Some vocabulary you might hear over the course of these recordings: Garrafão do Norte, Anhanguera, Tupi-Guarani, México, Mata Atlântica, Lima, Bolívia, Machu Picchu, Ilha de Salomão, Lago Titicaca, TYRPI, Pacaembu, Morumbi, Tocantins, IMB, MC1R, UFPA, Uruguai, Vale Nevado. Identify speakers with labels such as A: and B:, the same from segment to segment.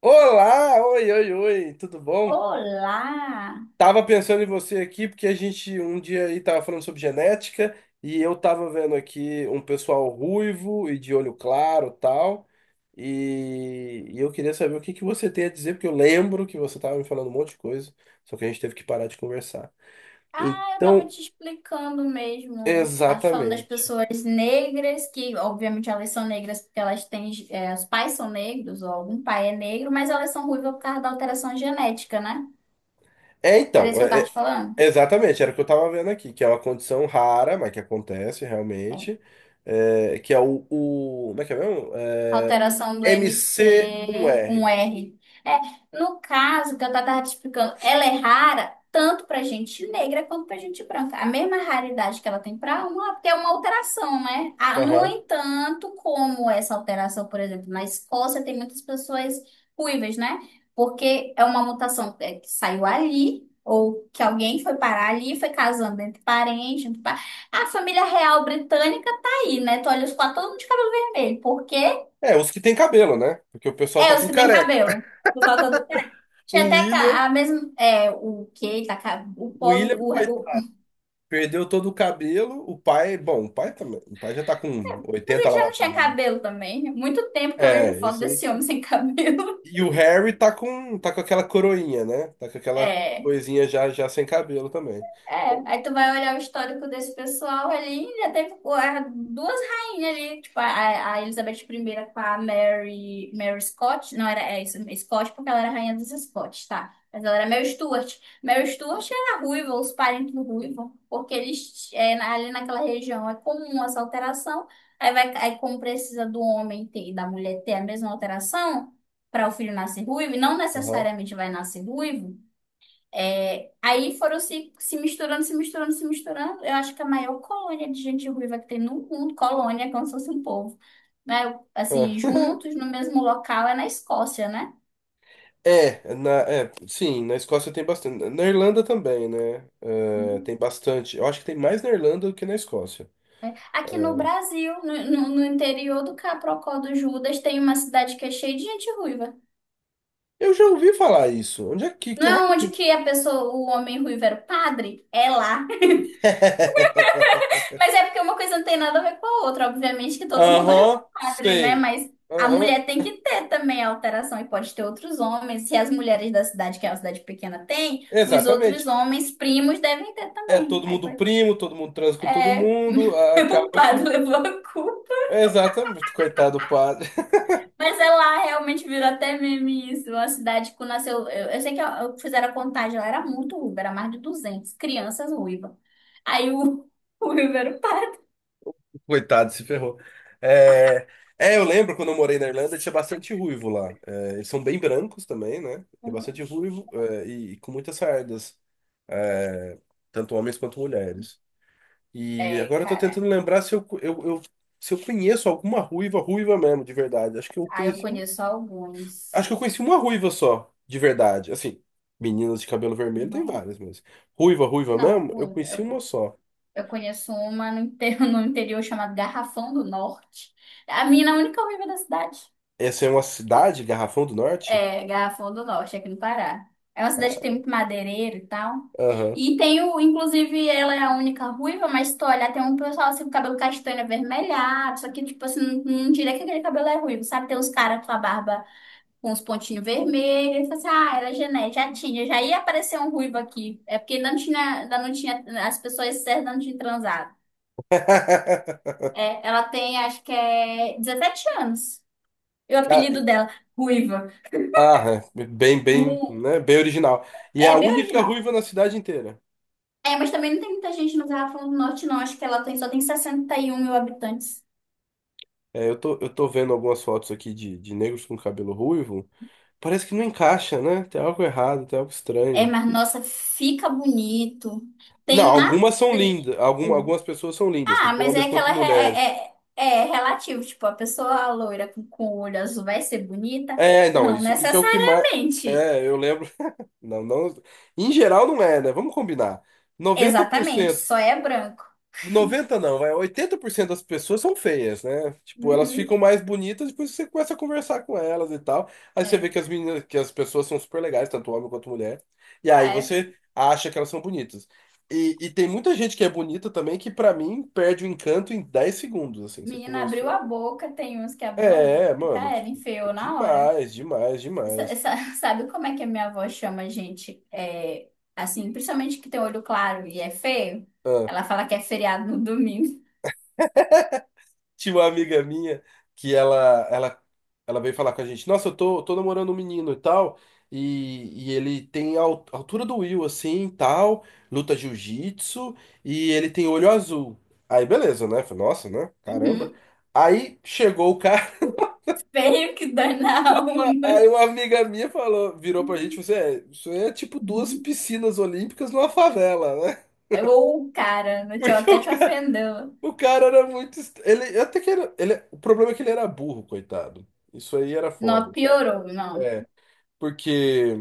A: Olá, oi, oi, oi, tudo bom?
B: Olá!
A: Tava pensando em você aqui porque a gente um dia aí tava falando sobre genética e eu tava vendo aqui um pessoal ruivo e de olho claro, tal. E eu queria saber o que que você tem a dizer, porque eu lembro que você tava me falando um monte de coisa, só que a gente teve que parar de conversar.
B: Ah, eu tava
A: Então,
B: te explicando mesmo. Tá falando das
A: exatamente.
B: pessoas negras, que obviamente elas são negras porque elas têm, os pais são negros, ou algum pai é negro, mas elas são ruivas por causa da alteração genética, né?
A: É,
B: Era isso
A: então,
B: que eu tava
A: é, é,
B: te falando?
A: Exatamente, era o que eu tava vendo aqui, que é uma condição rara, mas que acontece realmente,
B: É.
A: é, que é o- como é que é mesmo? É,
B: Alteração do MC, um
A: MC1R.
B: R. É, no caso que eu estava te explicando, ela é rara tanto para gente negra quanto para gente branca. A mesma raridade que ela tem para uma, porque é uma alteração, né? Ah, no
A: Aham.
B: entanto, como essa alteração, por exemplo, na Escócia tem muitas pessoas ruivas, né? Porque é uma mutação, que saiu ali, ou que alguém foi parar ali, foi casando entre parentes. A família real britânica tá aí, né? Tu olha os quatro, todo mundo de cabelo vermelho, porque
A: É, os que tem cabelo, né? Porque o pessoal tá
B: os
A: tudo
B: que têm
A: careca.
B: cabelo. Por falta do pé. Tinha
A: O
B: até
A: William,
B: a mesma. É, o que Tá, ca- o pobre.
A: coitado, perdeu todo o cabelo. O pai, bom, o pai também. O pai já tá com
B: Mas
A: 80
B: ele
A: lá,
B: já
A: vai
B: não
A: pra
B: tinha
A: lá, né?
B: cabelo também. Muito tempo que eu vejo
A: É,
B: foto
A: esse aí.
B: desse homem sem cabelo.
A: E o Harry tá com aquela coroinha, né? Tá com aquela
B: É.
A: coisinha já, já sem cabelo também.
B: É, aí tu vai olhar o histórico desse pessoal ali, já teve duas rainhas ali, tipo a Elizabeth I com a Mary, Mary Scott, não era é isso, Scott porque ela era rainha dos Scots, tá? Mas ela era Mary Stuart. Mary Stuart era ruiva, os parentes do ruivo, porque ali naquela região é comum essa alteração. Aí vai, aí como precisa do homem ter e da mulher ter a mesma alteração para o filho nascer ruivo, e não
A: Aham.
B: necessariamente vai nascer ruivo. É, aí foram se misturando, se misturando, se misturando. Eu acho que a maior colônia de gente ruiva que tem no mundo, colônia, é como se fosse um povo, né?
A: É.
B: Assim, juntos no mesmo local é na Escócia, né?
A: Na Escócia tem bastante. Na Irlanda também, né? É, tem bastante. Eu acho que tem mais na Irlanda do que na Escócia.
B: Aqui no
A: É.
B: Brasil, no interior do Caprocó do Judas, tem uma cidade que é cheia de gente ruiva.
A: Eu já ouvi falar isso. Onde é que
B: Não
A: raio
B: é onde
A: que...
B: que a pessoa, o homem ruivo era o padre? É lá. Mas é porque uma coisa não tem nada a ver com a outra. Obviamente que todo mundo olha pro
A: Aham,
B: padre, né?
A: sei.
B: Mas a
A: Aham,
B: mulher tem que ter também a alteração e pode ter outros homens. Se as mulheres da cidade, que é uma cidade pequena, têm, os outros
A: exatamente.
B: homens primos devem ter
A: É
B: também.
A: todo
B: Aí
A: mundo
B: foi.
A: primo, todo mundo transa com todo
B: É,
A: mundo.
B: o
A: Acaba que.
B: padre levou a culpa.
A: Exatamente, coitado do padre.
B: Mas é lá, realmente virou até meme isso. Uma cidade que nasceu. Eu sei que eu fizeram a contagem, ela era muito ruiva, era mais de 200 crianças ruivas. Aí o, o ruivo era o padre.
A: Coitado, se ferrou. É, eu lembro quando eu morei na Irlanda, tinha bastante ruivo lá. É, eles são bem brancos também, né? Tem bastante ruivo, e com muitas sardas, é, tanto homens quanto mulheres. E
B: É,
A: agora eu tô
B: cara.
A: tentando lembrar se eu conheço alguma ruiva, ruiva mesmo, de verdade.
B: Ah, eu conheço alguns.
A: Acho que eu conheci uma ruiva só, de verdade. Assim, meninas de cabelo vermelho tem
B: Uhum.
A: várias, mas ruiva, ruiva
B: Não,
A: mesmo, eu
B: ruiva. eu,
A: conheci uma
B: co-
A: só.
B: eu conheço uma no interior, no interior chamada Garrafão do Norte. A mina é a única ruiva da cidade.
A: Essa é uma cidade, Garrafão do Norte?
B: É, Garrafão do Norte, aqui no Pará. É uma cidade que tem muito madeireiro e tal.
A: Aham.
B: E tem o, inclusive, ela é a única ruiva, mas se tu olhar, tem um pessoal assim com cabelo castanho avermelhado, só que, tipo assim, não diria que aquele cabelo é ruivo, sabe? Tem uns caras com a barba com os pontinhos vermelhos. Ele falou assim, ah, era genética, já tinha, já ia aparecer um ruivo aqui. É porque ainda não tinha, as pessoas certas ainda não tinham transado. É, ela tem, acho que é 17 anos. E o
A: Cara,
B: apelido dela, Ruiva.
A: ah, é, bem, bem,
B: Mu-
A: né? Bem original. E é a
B: É bem
A: única
B: original.
A: ruiva na cidade inteira.
B: É, mas também não tem muita gente no Garrafão do Norte, não. Acho que ela tem, só tem 61 mil habitantes.
A: É, eu tô vendo algumas fotos aqui de negros com cabelo ruivo. Parece que não encaixa, né? Tem algo errado, tem algo
B: É,
A: estranho.
B: mas nossa, fica bonito.
A: Não,
B: Tem uma
A: algumas são
B: atriz.
A: lindas. Algumas pessoas são lindas,
B: Ah,
A: tanto
B: mas
A: homens
B: é que
A: quanto
B: ela
A: mulheres.
B: é, é relativo. Tipo, a pessoa loira com o olho azul vai ser bonita?
A: É, não,
B: Não
A: isso é o que mais.
B: necessariamente.
A: É, eu lembro. Não, não. Em geral não é, né? Vamos combinar. Noventa por
B: Exatamente,
A: cento.
B: só é branco.
A: Noventa não, vai, 80% das pessoas são feias, né? Tipo, elas ficam
B: Uhum,
A: mais bonitas depois que você começa a conversar com elas e tal. Aí você vê
B: é.
A: que as meninas, que as pessoas são super legais, tanto homem quanto mulher. E aí
B: É,
A: você acha que elas são bonitas. E tem muita gente que é bonita também que, pra mim, perde o encanto em 10 segundos, assim, você
B: menina abriu
A: conversou.
B: a boca, tem uns que abriu a boca,
A: É, mano,
B: já era,
A: tipo,
B: enfiou na hora.
A: demais, demais, demais.
B: Sabe como é que a minha avó chama a gente? É, assim, principalmente que tem olho claro e é feio? Ela fala que é feriado no domingo.
A: Tinha uma amiga minha que ela, ela, ela veio falar com a gente, nossa, tô namorando um menino e tal, e ele tem a altura do Will, assim, e tal, luta jiu-jitsu, e ele tem olho azul. Aí, beleza, né? Falei, nossa, né? Caramba.
B: Uhum.
A: Aí chegou o cara,
B: Feio que dói na alma.
A: aí uma amiga minha falou, virou pra gente, você é, isso aí é tipo duas
B: Uhum.
A: piscinas olímpicas numa favela, né?
B: Ou, cara,
A: Porque
B: até
A: o
B: te
A: cara,
B: ofendeu.
A: Ele até que era. Ele, o problema é que ele era burro, coitado. Isso aí era
B: Não,
A: foda.
B: piorou, não.
A: É, porque,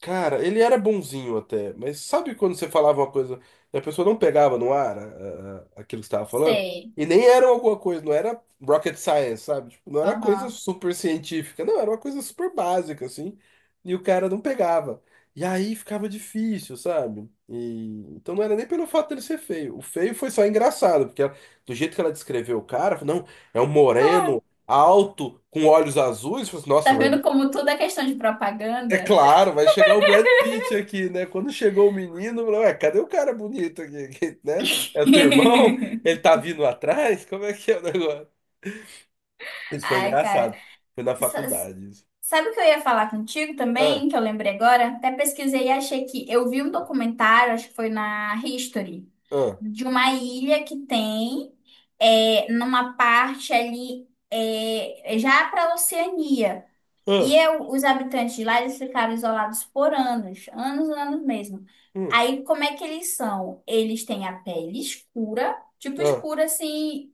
A: cara, ele era bonzinho até, mas sabe quando você falava uma coisa e a pessoa não pegava no ar aquilo que você estava falando?
B: Sei.
A: E nem era alguma coisa, não era rocket science, sabe? Tipo, não era coisa
B: Aham.
A: super científica, não, era uma coisa super básica, assim, e o cara não pegava. E aí ficava difícil, sabe? E então não era nem pelo fato dele ser feio. O feio foi só engraçado, do jeito que ela descreveu o cara, não, é um moreno alto, com olhos azuis, falou assim,
B: Tá
A: nossa, vai
B: vendo como tudo é questão de
A: é
B: propaganda?
A: claro, vai chegar o Brad Pitt aqui, né? Quando chegou o menino, eu falei, ué, cadê o cara bonito aqui, né? É o teu irmão? Ele tá vindo atrás? Como é que é o negócio? Isso foi
B: Ai, cara.
A: engraçado. Foi na
B: S-
A: faculdade isso.
B: Sabe o que eu ia falar contigo
A: Ah,
B: também, que eu lembrei agora? Até pesquisei e achei que eu vi um documentário, acho que foi na History,
A: ah,
B: de uma ilha que tem numa parte ali já para a Oceania. E
A: ah,
B: eu, os habitantes de lá, eles ficaram isolados por anos, anos, anos mesmo.
A: hum,
B: Aí, como é que eles são? Eles têm a pele escura, tipo
A: ah.
B: escura assim,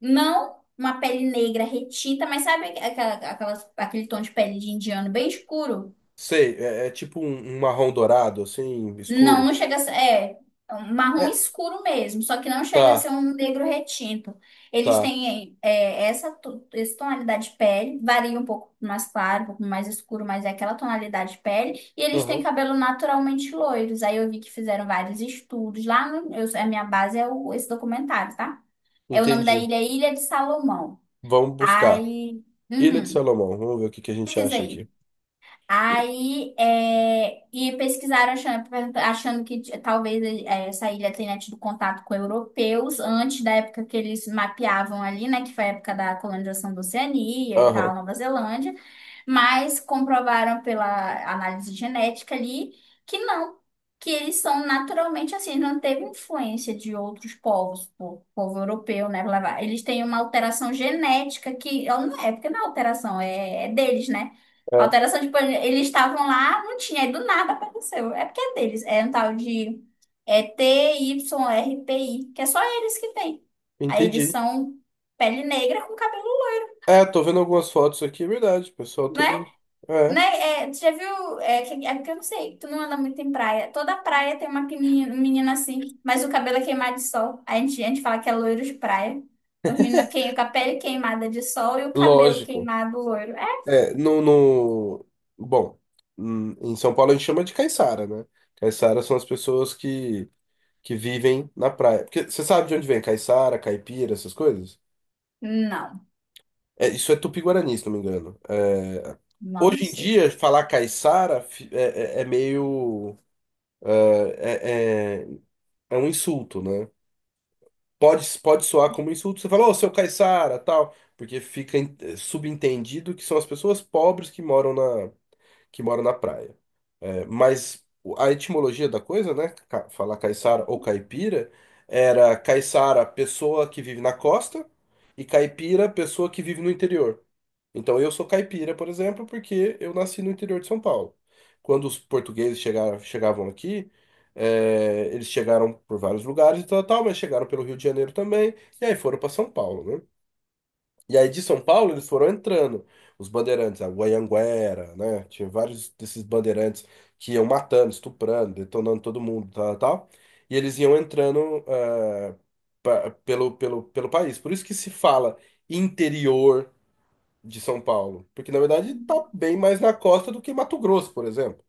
B: não uma pele negra retinta, mas sabe aquele tom de pele de indiano bem escuro?
A: Sei, é é tipo um, um marrom dourado, assim,
B: Não,
A: escuro.
B: não chega a ser. É, é um marrom
A: É,
B: escuro mesmo, só que não chega a
A: tá,
B: ser um negro retinto. Eles
A: tá.
B: têm essa tonalidade de pele, varia um pouco mais claro, um pouco mais escuro, mas é aquela tonalidade de pele. E eles têm
A: Aham,
B: cabelo naturalmente loiros. Aí eu vi que fizeram vários estudos. Lá, a minha base é esse documentário, tá? É o nome da
A: entendi.
B: ilha, é Ilha de Salomão.
A: Vamos buscar.
B: Aí,
A: Ilha de
B: uhum,
A: Salomão, vamos ver o que que a gente
B: pesquisa
A: acha aqui.
B: aí. Aí, é, e pesquisaram achando que talvez é, essa ilha tenha tido contato com europeus antes da época que eles mapeavam ali, né, que foi a época da colonização da Oceania e
A: Aham,
B: tal, Nova Zelândia, mas comprovaram pela análise genética ali que não, que eles são naturalmente assim, não teve influência de outros povos, povo europeu, né, blá, blá. Eles têm uma alteração genética que, não é, porque não é alteração, é deles, né?
A: é,
B: Alteração de plano. Eles estavam lá, não tinha, aí do nada apareceu. É porque é deles. É um tal de TYRPI que é só eles que tem. Aí eles
A: entendi.
B: são pele negra com cabelo,
A: É, tô vendo algumas fotos aqui, é verdade. O pessoal
B: né?
A: tem.
B: Né?
A: É,
B: É, tu já viu? É, é porque eu não sei, tu não anda muito em praia. Toda praia tem uma menina, menina assim, mas o cabelo é queimado de sol. A gente fala que é loiro de praia. O menino queima com a pele queimada de sol e o cabelo
A: lógico.
B: queimado loiro. É?
A: É, no, no... Bom, em São Paulo a gente chama de caiçara, né? Caiçara são as pessoas que vivem na praia. Porque você sabe de onde vem caiçara, caipira, essas coisas?
B: Não,
A: É, isso é tupi-guarani, se não me engano.
B: não
A: Hoje em
B: sei.
A: dia, falar caiçara é meio. É, é é é um insulto, né? Pode, pode soar como insulto. Você fala, ô, seu Caiçara, tal, porque fica eh, subentendido que são as pessoas pobres que moram na praia. A etimologia da coisa, né? Falar caiçara ou caipira, era caiçara, pessoa que vive na costa, e caipira, pessoa que vive no interior. Então eu sou caipira, por exemplo, porque eu nasci no interior de São Paulo. Quando os portugueses chegaram, chegavam aqui, é, eles chegaram por vários lugares e tal, tal, mas chegaram pelo Rio de Janeiro também, e aí foram para São Paulo, né? E aí de São Paulo eles foram entrando, os bandeirantes, a Anhanguera, né? Tinha vários desses bandeirantes que iam matando, estuprando, detonando todo mundo, tal, tal. E eles iam entrando eh, pelo país. Por isso que se fala interior, de São Paulo, porque na verdade está bem mais na costa do que Mato Grosso, por exemplo.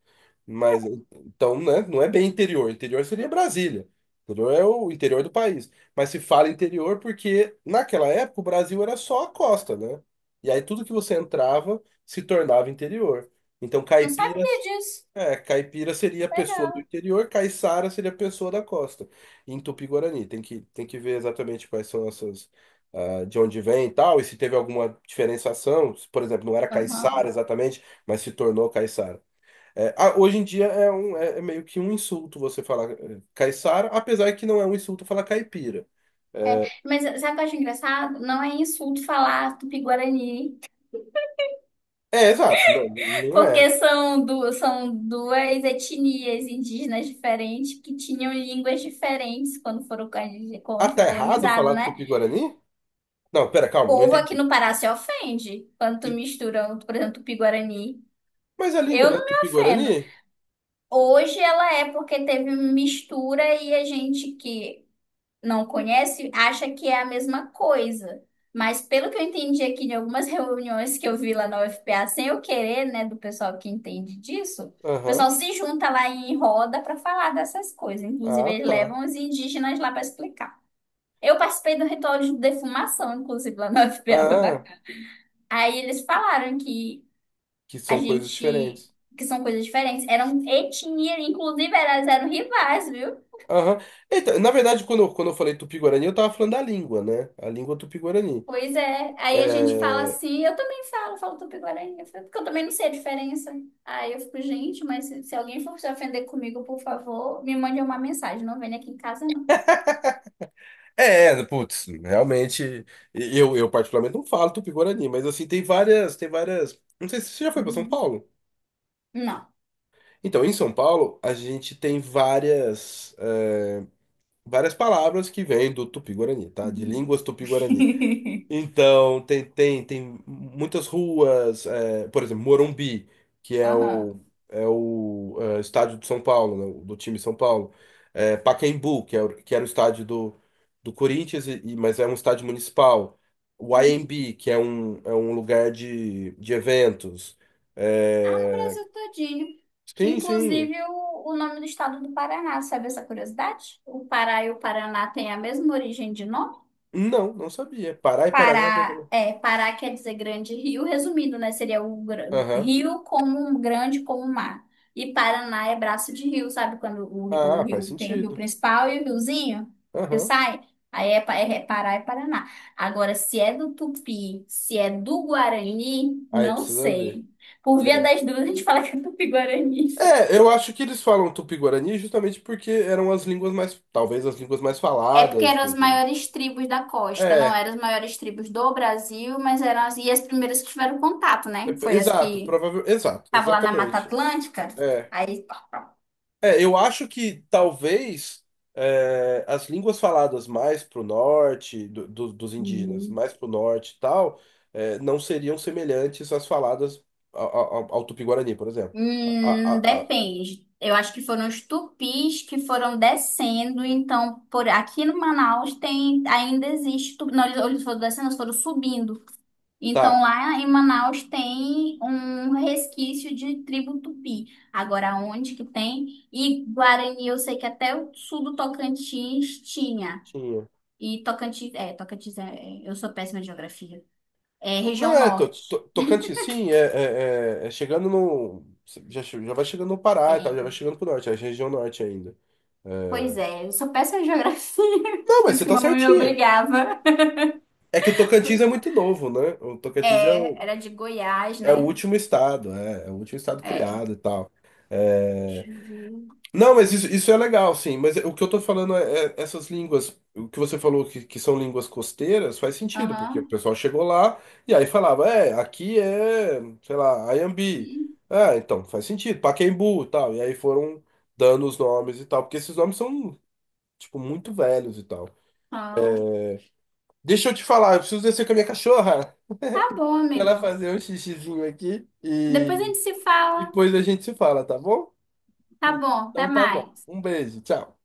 A: Mas então, né, não é bem interior. Interior seria Brasília. Interior é o interior do país. Mas se fala interior porque naquela época o Brasil era só a costa, né? E aí tudo que você entrava se tornava interior. Então,
B: Não sabia
A: caipiras
B: disso.
A: caipira seria a pessoa do
B: Legal.
A: interior, caiçara seria a pessoa da costa, em Tupi-Guarani. Tem que ver exatamente quais são essas, ah, de onde vem e tal, e se teve alguma diferenciação. Se, por exemplo, não era caiçara
B: Aham.
A: exatamente, mas se tornou caiçara. Hoje em dia meio que um insulto você falar eh, caiçara, apesar que não é um insulto falar caipira. É,
B: Mas sabe o que eu acho engraçado? Não é insulto falar Tupi-Guarani,
A: exato, não, não é.
B: porque são duas etnias indígenas diferentes que tinham línguas diferentes quando
A: Ah,
B: quando foi
A: tá errado
B: colonizado,
A: falar
B: né?
A: Tupi-Guarani? Não, pera,
B: O
A: calma, não
B: povo aqui
A: entendi.
B: no Pará se ofende quando tu mistura, por exemplo, Tupi-Guarani.
A: Mas a língua
B: Eu
A: não é
B: não me ofendo.
A: Tupi-Guarani?
B: Hoje ela é porque teve mistura e a gente que não conhece, acha que é a mesma coisa. Mas pelo que eu entendi aqui de algumas reuniões que eu vi lá na UFPA, sem eu querer, né, do pessoal que entende disso, o pessoal
A: Aham,
B: se junta lá em roda para falar dessas coisas. Inclusive,
A: ah,
B: eles
A: tá.
B: levam os indígenas lá para explicar. Eu participei do ritual de defumação, inclusive, lá na UFPA, foi
A: Ah,
B: bacana. Aí eles falaram que
A: que
B: a
A: são coisas
B: gente,
A: diferentes.
B: que são coisas diferentes, eram etnia, inclusive elas eram rivais.
A: Aham. Eita, na verdade, quando eu falei Tupi-Guarani, eu tava falando da língua, né? A língua Tupi-Guarani.
B: Pois é, aí a gente fala
A: É...
B: assim, eu também falo, falo Tupi-Guarani, eu falo, porque eu também não sei a diferença. Aí eu fico, gente, mas se alguém for se ofender comigo, por favor, me mande uma mensagem, não venha aqui em casa, não.
A: putz, realmente, eu particularmente não falo Tupi-Guarani, mas assim, tem várias... Não sei se você já foi para São
B: Uhum.
A: Paulo.
B: Não.
A: Então, em São Paulo, a gente tem várias, eh, várias palavras que vêm do Tupi-Guarani, tá? De
B: Uhum.
A: línguas Tupi-Guarani. Então, tem muitas ruas, é, por exemplo, Morumbi, que é o,
B: Aham.
A: é o é, estádio do São Paulo, né, do time São Paulo. É, Pacaembu, que, é, que era o estádio do, do Corinthians, mas é um estádio municipal. O IMB, é um lugar de eventos.
B: Ah, no
A: É,
B: Brasil todinho.
A: sim, sim.
B: Inclusive o nome do estado do Paraná, sabe essa curiosidade? O Pará e o Paraná têm a mesma origem de nome?
A: Não, não sabia. Pará e Paraná,
B: Pará,
A: venda.
B: é, Pará quer dizer grande rio, resumindo, né? Seria o
A: Aham.
B: rio como um grande como um mar. E Paraná é braço de rio, sabe? Quando o
A: Ah, faz
B: rio tem o rio
A: sentido.
B: principal e o riozinho que
A: Aham.
B: sai, aí é, pa- é é Pará e Paraná. Agora, se é do Tupi, se é do Guarani,
A: Aí
B: não
A: precisa ver.
B: sei. Por via
A: É.
B: das dúvidas, a gente fala que é Tupi-Guarani.
A: É, eu acho que eles falam Tupi-Guarani justamente porque eram as línguas mais, talvez as línguas mais
B: É porque
A: faladas
B: eram as maiores tribos da costa, não
A: é,
B: eram as maiores tribos do Brasil, mas eram as, e as primeiras que tiveram contato,
A: é,
B: né? Foi as
A: exato,
B: que
A: provável, exato,
B: tava lá na Mata
A: exatamente.
B: Atlântica,
A: É,
B: aí.
A: eu acho que talvez é, as línguas faladas mais pro norte dos indígenas,
B: Uhum.
A: mais pro norte e tal, é, não seriam semelhantes às faladas ao Tupi-Guarani, por exemplo. A, a, a- a-
B: Depende. Eu acho que foram os tupis que foram descendo, então por aqui no Manaus tem ainda existe, tupi- não, eles foram descendo, eles foram subindo. Então
A: tá,
B: lá em Manaus tem um resquício de tribo tupi. Agora onde que tem? E Guarani, eu sei que até o sul do Tocantins tinha.
A: tinha.
B: E Tocantins, Tocantins eu sou péssima em geografia. É
A: Não
B: região
A: é, to,
B: norte.
A: to- Tocantins, sim, é chegando no. Já vai chegando no Pará e tal,
B: É.
A: já vai chegando pro norte, é a região norte ainda. É.
B: Pois é, eu sou péssima em geografia,
A: Não,
B: por
A: mas
B: isso
A: você
B: que
A: tá
B: mamãe me
A: certinha.
B: obrigava.
A: É que o Tocantins é muito novo, né? O Tocantins é
B: É,
A: o,
B: era de Goiás,
A: é o
B: né?
A: último estado, é o último estado
B: É.
A: criado e tal. É,
B: Deixa eu ver.
A: não, mas isso é legal, sim. Mas o que eu tô falando é, é essas línguas, o que você falou que são línguas costeiras, faz sentido, porque o
B: Aham.
A: pessoal chegou lá e aí falava, é, aqui é, sei lá, Ayambi. Ah, então, faz sentido, Pacaembu e tal. E aí foram dando os nomes e tal, porque esses nomes são, tipo, muito velhos e tal.
B: Então,
A: Deixa eu te falar, eu preciso descer com a minha cachorra.
B: tá bom,
A: Ela
B: amigo.
A: fazer um xixizinho aqui
B: Depois a
A: e
B: gente se fala.
A: depois a gente se fala, tá bom?
B: Tá bom, até
A: Então tá bom.
B: mais.
A: Um beijo, tchau.